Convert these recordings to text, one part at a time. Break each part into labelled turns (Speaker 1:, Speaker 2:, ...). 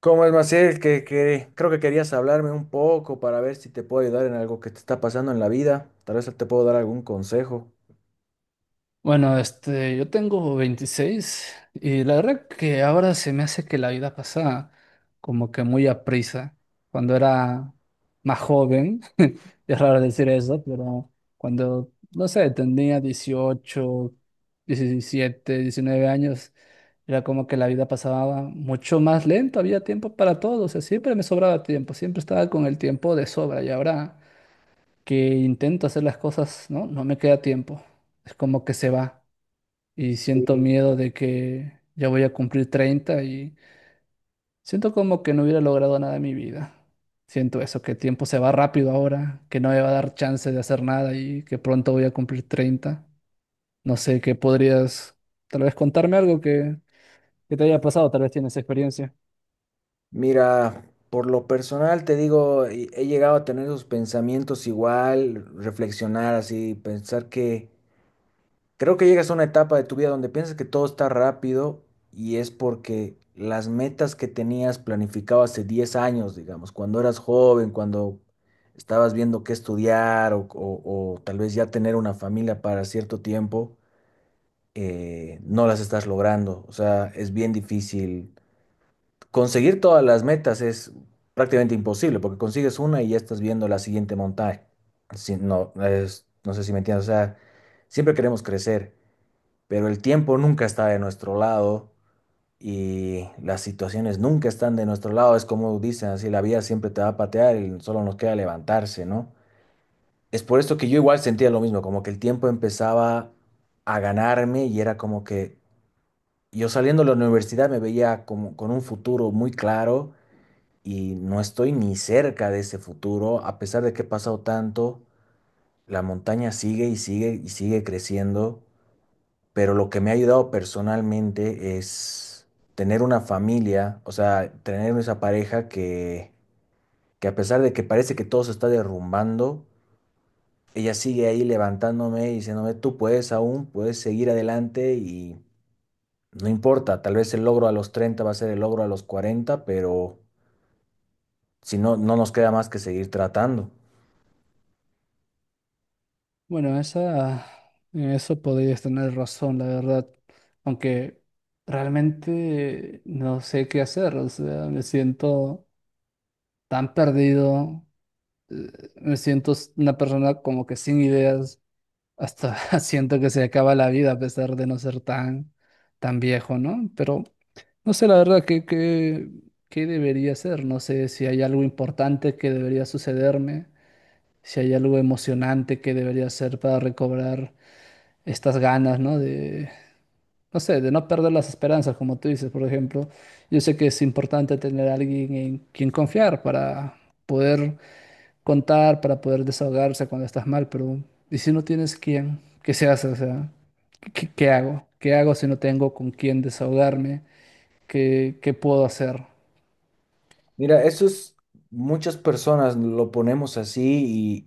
Speaker 1: ¿Cómo es, Maciel? Que creo que querías hablarme un poco para ver si te puedo ayudar en algo que te está pasando en la vida. Tal vez te puedo dar algún consejo.
Speaker 2: Bueno, yo tengo 26 y la verdad que ahora se me hace que la vida pasa como que muy aprisa. Cuando era más joven, es raro decir eso, pero cuando, no sé, tenía 18, 17, 19 años, era como que la vida pasaba mucho más lento, había tiempo para todo, o sea, siempre me sobraba tiempo, siempre estaba con el tiempo de sobra y ahora que intento hacer las cosas, ¿no? No me queda tiempo, es como que se va y siento miedo de que ya voy a cumplir 30 y siento como que no hubiera logrado nada en mi vida. Siento eso, que el tiempo se va rápido ahora, que no me va a dar chance de hacer nada y que pronto voy a cumplir 30. No sé, ¿qué podrías tal vez contarme algo que te haya pasado? Tal vez tienes experiencia.
Speaker 1: Mira, por lo personal te digo, he llegado a tener esos pensamientos igual, reflexionar así, pensar que creo que llegas a una etapa de tu vida donde piensas que todo está rápido y es porque las metas que tenías planificado hace 10 años, digamos, cuando eras joven, cuando estabas viendo qué estudiar o tal vez ya tener una familia para cierto tiempo, no las estás logrando. O sea, es bien difícil. Conseguir todas las metas es prácticamente imposible porque consigues una y ya estás viendo la siguiente montaña. No sé si me entiendes. O sea, siempre queremos crecer, pero el tiempo nunca está de nuestro lado y las situaciones nunca están de nuestro lado. Es como dicen así, la vida siempre te va a patear y solo nos queda levantarse, ¿no? Es por esto que yo igual sentía lo mismo, como que el tiempo empezaba a ganarme y era como que yo saliendo de la universidad me veía como con un futuro muy claro y no estoy ni cerca de ese futuro, a pesar de que he pasado tanto, la montaña sigue y sigue y sigue creciendo, pero lo que me ha ayudado personalmente es tener una familia, o sea, tener esa pareja que a pesar de que parece que todo se está derrumbando, ella sigue ahí levantándome y diciéndome, tú puedes aún, puedes seguir adelante y no importa, tal vez el logro a los 30 va a ser el logro a los 40, pero si no, no nos queda más que seguir tratando.
Speaker 2: Bueno, en eso podrías tener razón, la verdad. Aunque realmente no sé qué hacer, o sea, me siento tan perdido, me siento una persona como que sin ideas, hasta siento que se acaba la vida a pesar de no ser tan, tan viejo, ¿no? Pero no sé la verdad qué debería ser, no sé si hay algo importante que debería sucederme, si hay algo emocionante que debería hacer para recobrar estas ganas, ¿no? De, no sé, de no perder las esperanzas, como tú dices, por ejemplo. Yo sé que es importante tener a alguien en quien confiar para poder contar para poder desahogarse cuando estás mal, pero ¿y si no tienes quién? ¿Qué se hace? O sea, ¿qué hago? ¿Qué hago si no tengo con quién desahogarme? ¿Qué puedo hacer?
Speaker 1: Mira, eso es, muchas personas lo ponemos así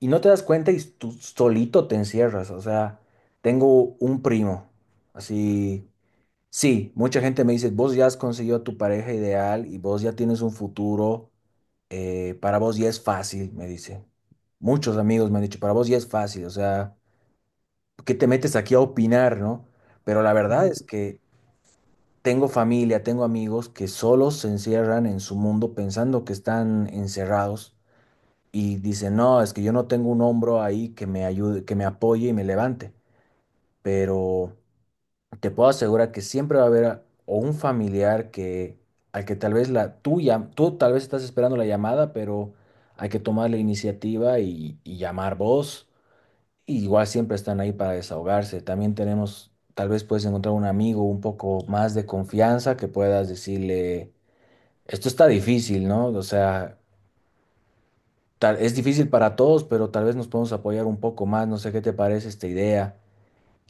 Speaker 1: y no te das cuenta y tú solito te encierras. O sea, tengo un primo. Así, sí, mucha gente me dice, vos ya has conseguido tu pareja ideal y vos ya tienes un futuro. Para vos ya es fácil, me dice. Muchos amigos me han dicho, para vos ya es fácil. O sea, ¿qué te metes aquí a opinar, no? Pero la verdad
Speaker 2: Ujú.
Speaker 1: es que tengo familia, tengo amigos que solo se encierran en su mundo pensando que están encerrados y dice, no, es que yo no tengo un hombro ahí que me ayude, que me apoye y me levante, pero te puedo asegurar que siempre va a haber a- o un familiar que al que tal vez la tuya, tú tal vez estás esperando la llamada, pero hay que tomar la iniciativa y llamar vos. Y igual siempre están ahí para desahogarse. También tenemos, tal vez puedes encontrar un amigo un poco más de confianza que puedas decirle, esto está difícil, ¿no? O sea, es difícil para todos, pero tal vez nos podemos apoyar un poco más. No sé qué te parece esta idea.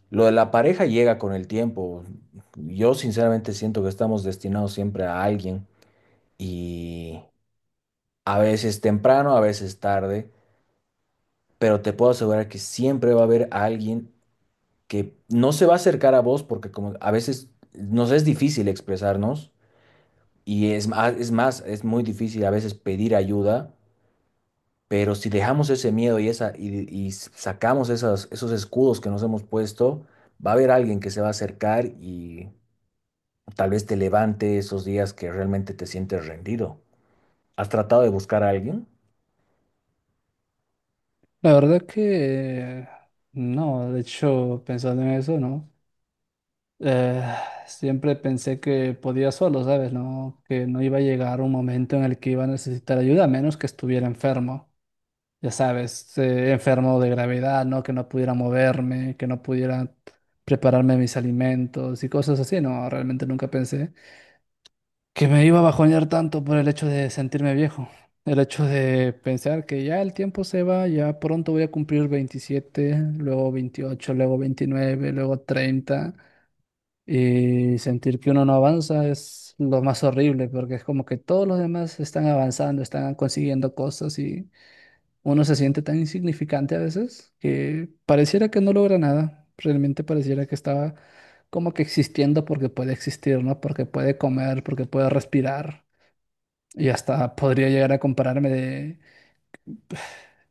Speaker 1: Lo de la pareja llega con el tiempo. Yo sinceramente siento que estamos destinados siempre a alguien y a veces temprano, a veces tarde, pero te puedo asegurar que siempre va a haber alguien que no se va a acercar a vos porque como a veces nos es difícil expresarnos y es más, es más, es muy difícil a veces pedir ayuda. Pero si dejamos ese miedo y sacamos esas, esos escudos que nos hemos puesto, va a haber alguien que se va a acercar y tal vez te levante esos días que realmente te sientes rendido. ¿Has tratado de buscar a alguien?
Speaker 2: La verdad que no, de hecho, pensando en eso, ¿no? Eh, Siempre pensé que podía solo, ¿sabes? No, que no iba a llegar un momento en el que iba a necesitar ayuda, a menos que estuviera enfermo. Ya sabes, enfermo de gravedad, ¿no? Que no pudiera moverme, que no pudiera prepararme mis alimentos y cosas así, ¿no? Realmente nunca pensé que me iba a bajonear tanto por el hecho de sentirme viejo, el hecho de pensar que ya el tiempo se va, ya pronto voy a cumplir 27, luego 28, luego 29, luego 30, y sentir que uno no avanza es lo más horrible porque es como que todos los demás están avanzando, están consiguiendo cosas y... Uno se siente tan insignificante a veces que pareciera que no logra nada. Realmente pareciera que estaba como que existiendo porque puede existir, ¿no? Porque puede comer, porque puede respirar. Y hasta podría llegar a compararme de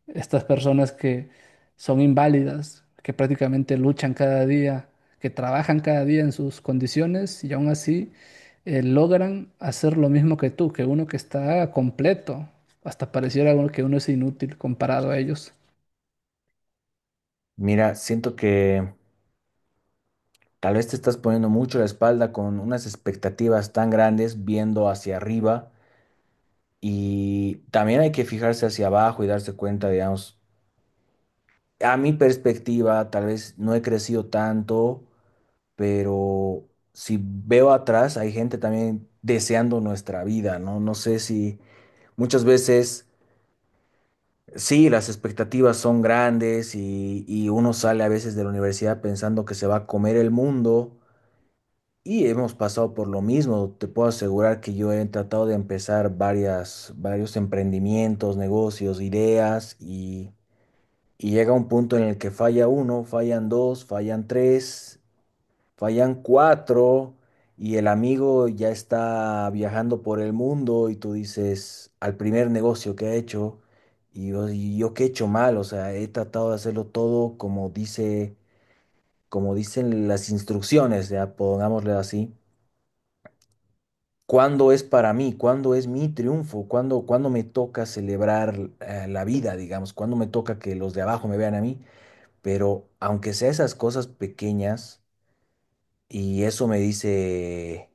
Speaker 2: estas personas que son inválidas, que prácticamente luchan cada día, que trabajan cada día en sus condiciones y aún así logran hacer lo mismo que tú, que uno que está completo. Hasta pareciera uno que uno es inútil comparado a ellos.
Speaker 1: Mira, siento que tal vez te estás poniendo mucho la espalda con unas expectativas tan grandes viendo hacia arriba y también hay que fijarse hacia abajo y darse cuenta, digamos, a mi perspectiva, tal vez no he crecido tanto, pero si veo atrás, hay gente también deseando nuestra vida, ¿no? No sé si muchas veces, sí, las expectativas son grandes y uno sale a veces de la universidad pensando que se va a comer el mundo y hemos pasado por lo mismo. Te puedo asegurar que yo he tratado de empezar varios emprendimientos, negocios, ideas y... Y llega un punto en el que falla uno, fallan dos, fallan tres, fallan cuatro y el amigo ya está viajando por el mundo y tú dices, al primer negocio que ha hecho, y yo qué he hecho mal, o sea, he tratado de hacerlo todo como dice, como dicen las instrucciones, ya pongámosle así. ¿Cuándo es para mí? ¿Cuándo es mi triunfo? ¿Cuándo me toca celebrar la vida, digamos? ¿Cuándo me toca que los de abajo me vean a mí? Pero aunque sea esas cosas pequeñas, Y eso me dice,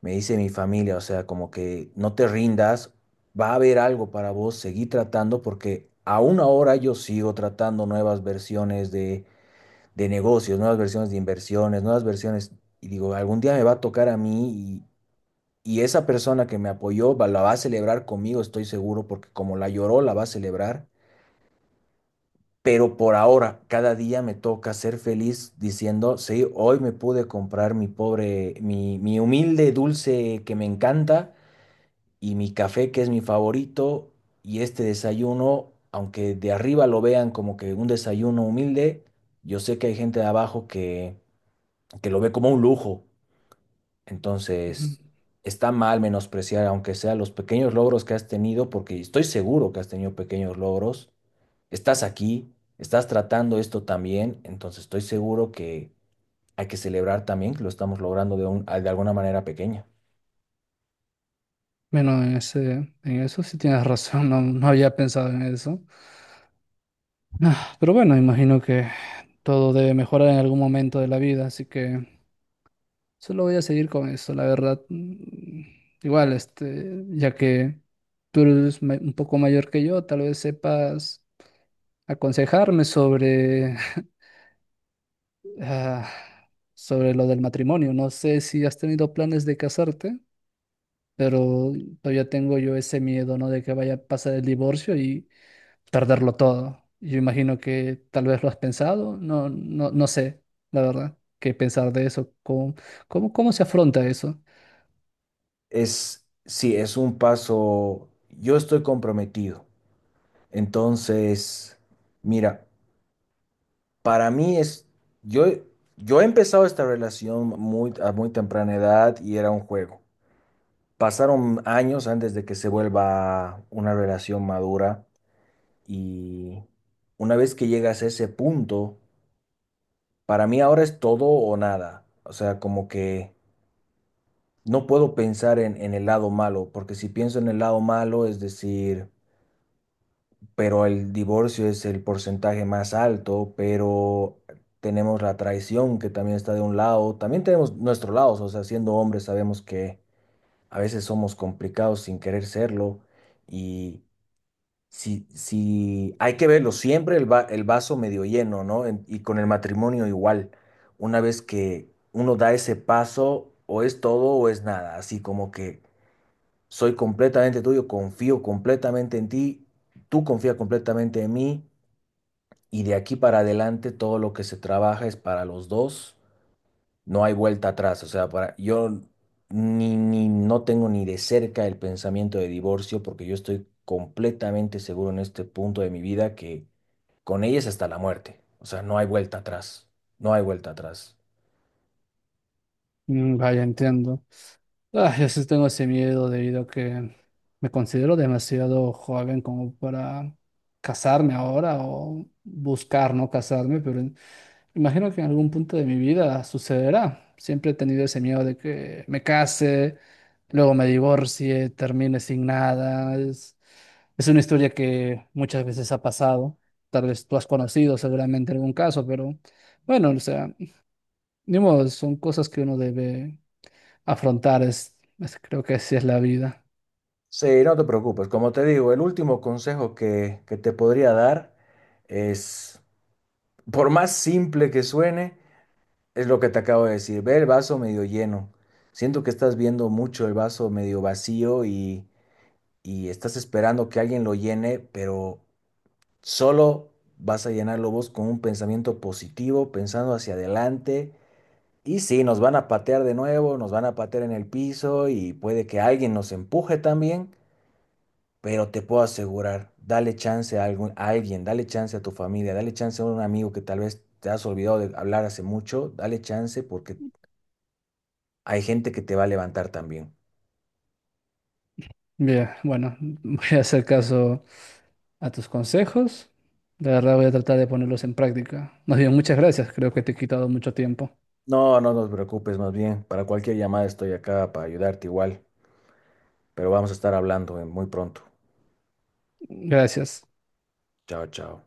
Speaker 1: me dice mi familia, o sea, como que no te rindas, va a haber algo para vos, seguí tratando porque aún ahora yo sigo tratando nuevas versiones de negocios, nuevas versiones de inversiones, nuevas versiones. Y digo, algún día me va a tocar a mí y esa persona que me apoyó la va a celebrar conmigo, estoy seguro, porque como la lloró, la va a celebrar. Pero por ahora, cada día me toca ser feliz diciendo, sí, hoy me pude comprar mi pobre, mi humilde dulce que me encanta y mi café que es mi favorito y este desayuno, aunque de arriba lo vean como que un desayuno humilde, yo sé que hay gente de abajo que lo ve como un lujo.
Speaker 2: Ujú.
Speaker 1: Entonces, está mal menospreciar, aunque sea los pequeños logros que has tenido, porque estoy seguro que has tenido pequeños logros. Estás aquí, estás tratando esto también, entonces estoy seguro que hay que celebrar también que lo estamos logrando de alguna manera pequeña.
Speaker 2: Bueno, en eso sí tienes razón, no, no había pensado en eso. Ah, pero bueno, imagino que todo debe mejorar en algún momento de la vida, así que solo voy a seguir con eso, la verdad. Igual, este, ya que tú eres un poco mayor que yo, tal vez sepas aconsejarme sobre, ah, sobre lo del matrimonio. No sé si has tenido planes de casarte, pero todavía tengo yo ese miedo, ¿no? De que vaya a pasar el divorcio y perderlo todo. Yo imagino que tal vez lo has pensado, no, no, no sé, la verdad, qué pensar de eso, cómo se afronta eso.
Speaker 1: Es, sí, es un paso, yo estoy comprometido. Entonces, mira, para mí es, yo, yo he empezado esta relación muy, a muy temprana edad y era un juego. Pasaron años antes de que se vuelva una relación madura y una vez que llegas a ese punto, para mí ahora es todo o nada. O sea, como que no puedo pensar en el lado malo, porque si pienso en el lado malo, es decir, pero el divorcio es el porcentaje más alto, pero tenemos la traición que también está de un lado, también tenemos nuestro lado, o sea, siendo hombres sabemos que a veces somos complicados sin querer serlo y... Si, si hay que verlo siempre el, el vaso medio lleno, ¿no? Y con el matrimonio igual. Una vez que uno da ese paso, o es todo o es nada. Así como que soy completamente tuyo, confío completamente en ti, tú confías completamente en mí, y de aquí para adelante todo lo que se trabaja es para los dos. No hay vuelta atrás. O sea, para, yo ni no tengo ni de cerca el pensamiento de divorcio porque yo estoy completamente seguro en este punto de mi vida que con ellas hasta la muerte. O sea, no hay vuelta atrás. No hay vuelta atrás.
Speaker 2: Vaya, entiendo. Ah, yo sí tengo ese miedo debido a que me considero demasiado joven como para casarme ahora o buscar no casarme, pero imagino que en algún punto de mi vida sucederá. Siempre he tenido ese miedo de que me case, luego me divorcie, termine sin nada. Es una historia que muchas veces ha pasado. Tal vez tú has conocido seguramente algún caso, pero bueno, o sea, ni modo, son cosas que uno debe afrontar. Creo que así es la vida.
Speaker 1: Sí, no te preocupes. Como te digo, el último consejo que te podría dar es, por más simple que suene, es lo que te acabo de decir. Ve el vaso medio lleno. Siento que estás viendo mucho el vaso medio vacío y estás esperando que alguien lo llene, pero solo vas a llenarlo vos con un pensamiento positivo, pensando hacia adelante. Y sí, nos van a patear de nuevo, nos van a patear en el piso y puede que alguien nos empuje también, pero te puedo asegurar, dale chance a algún, a alguien, dale chance a tu familia, dale chance a un amigo que tal vez te has olvidado de hablar hace mucho, dale chance porque hay gente que te va a levantar también.
Speaker 2: Bien, bueno, voy a hacer caso a tus consejos. De verdad voy a tratar de ponerlos en práctica. Más bien, muchas gracias. Creo que te he quitado mucho tiempo.
Speaker 1: No, no nos preocupes, más bien, para cualquier llamada estoy acá para ayudarte igual, pero vamos a estar hablando muy pronto.
Speaker 2: Gracias.
Speaker 1: Chao, chao.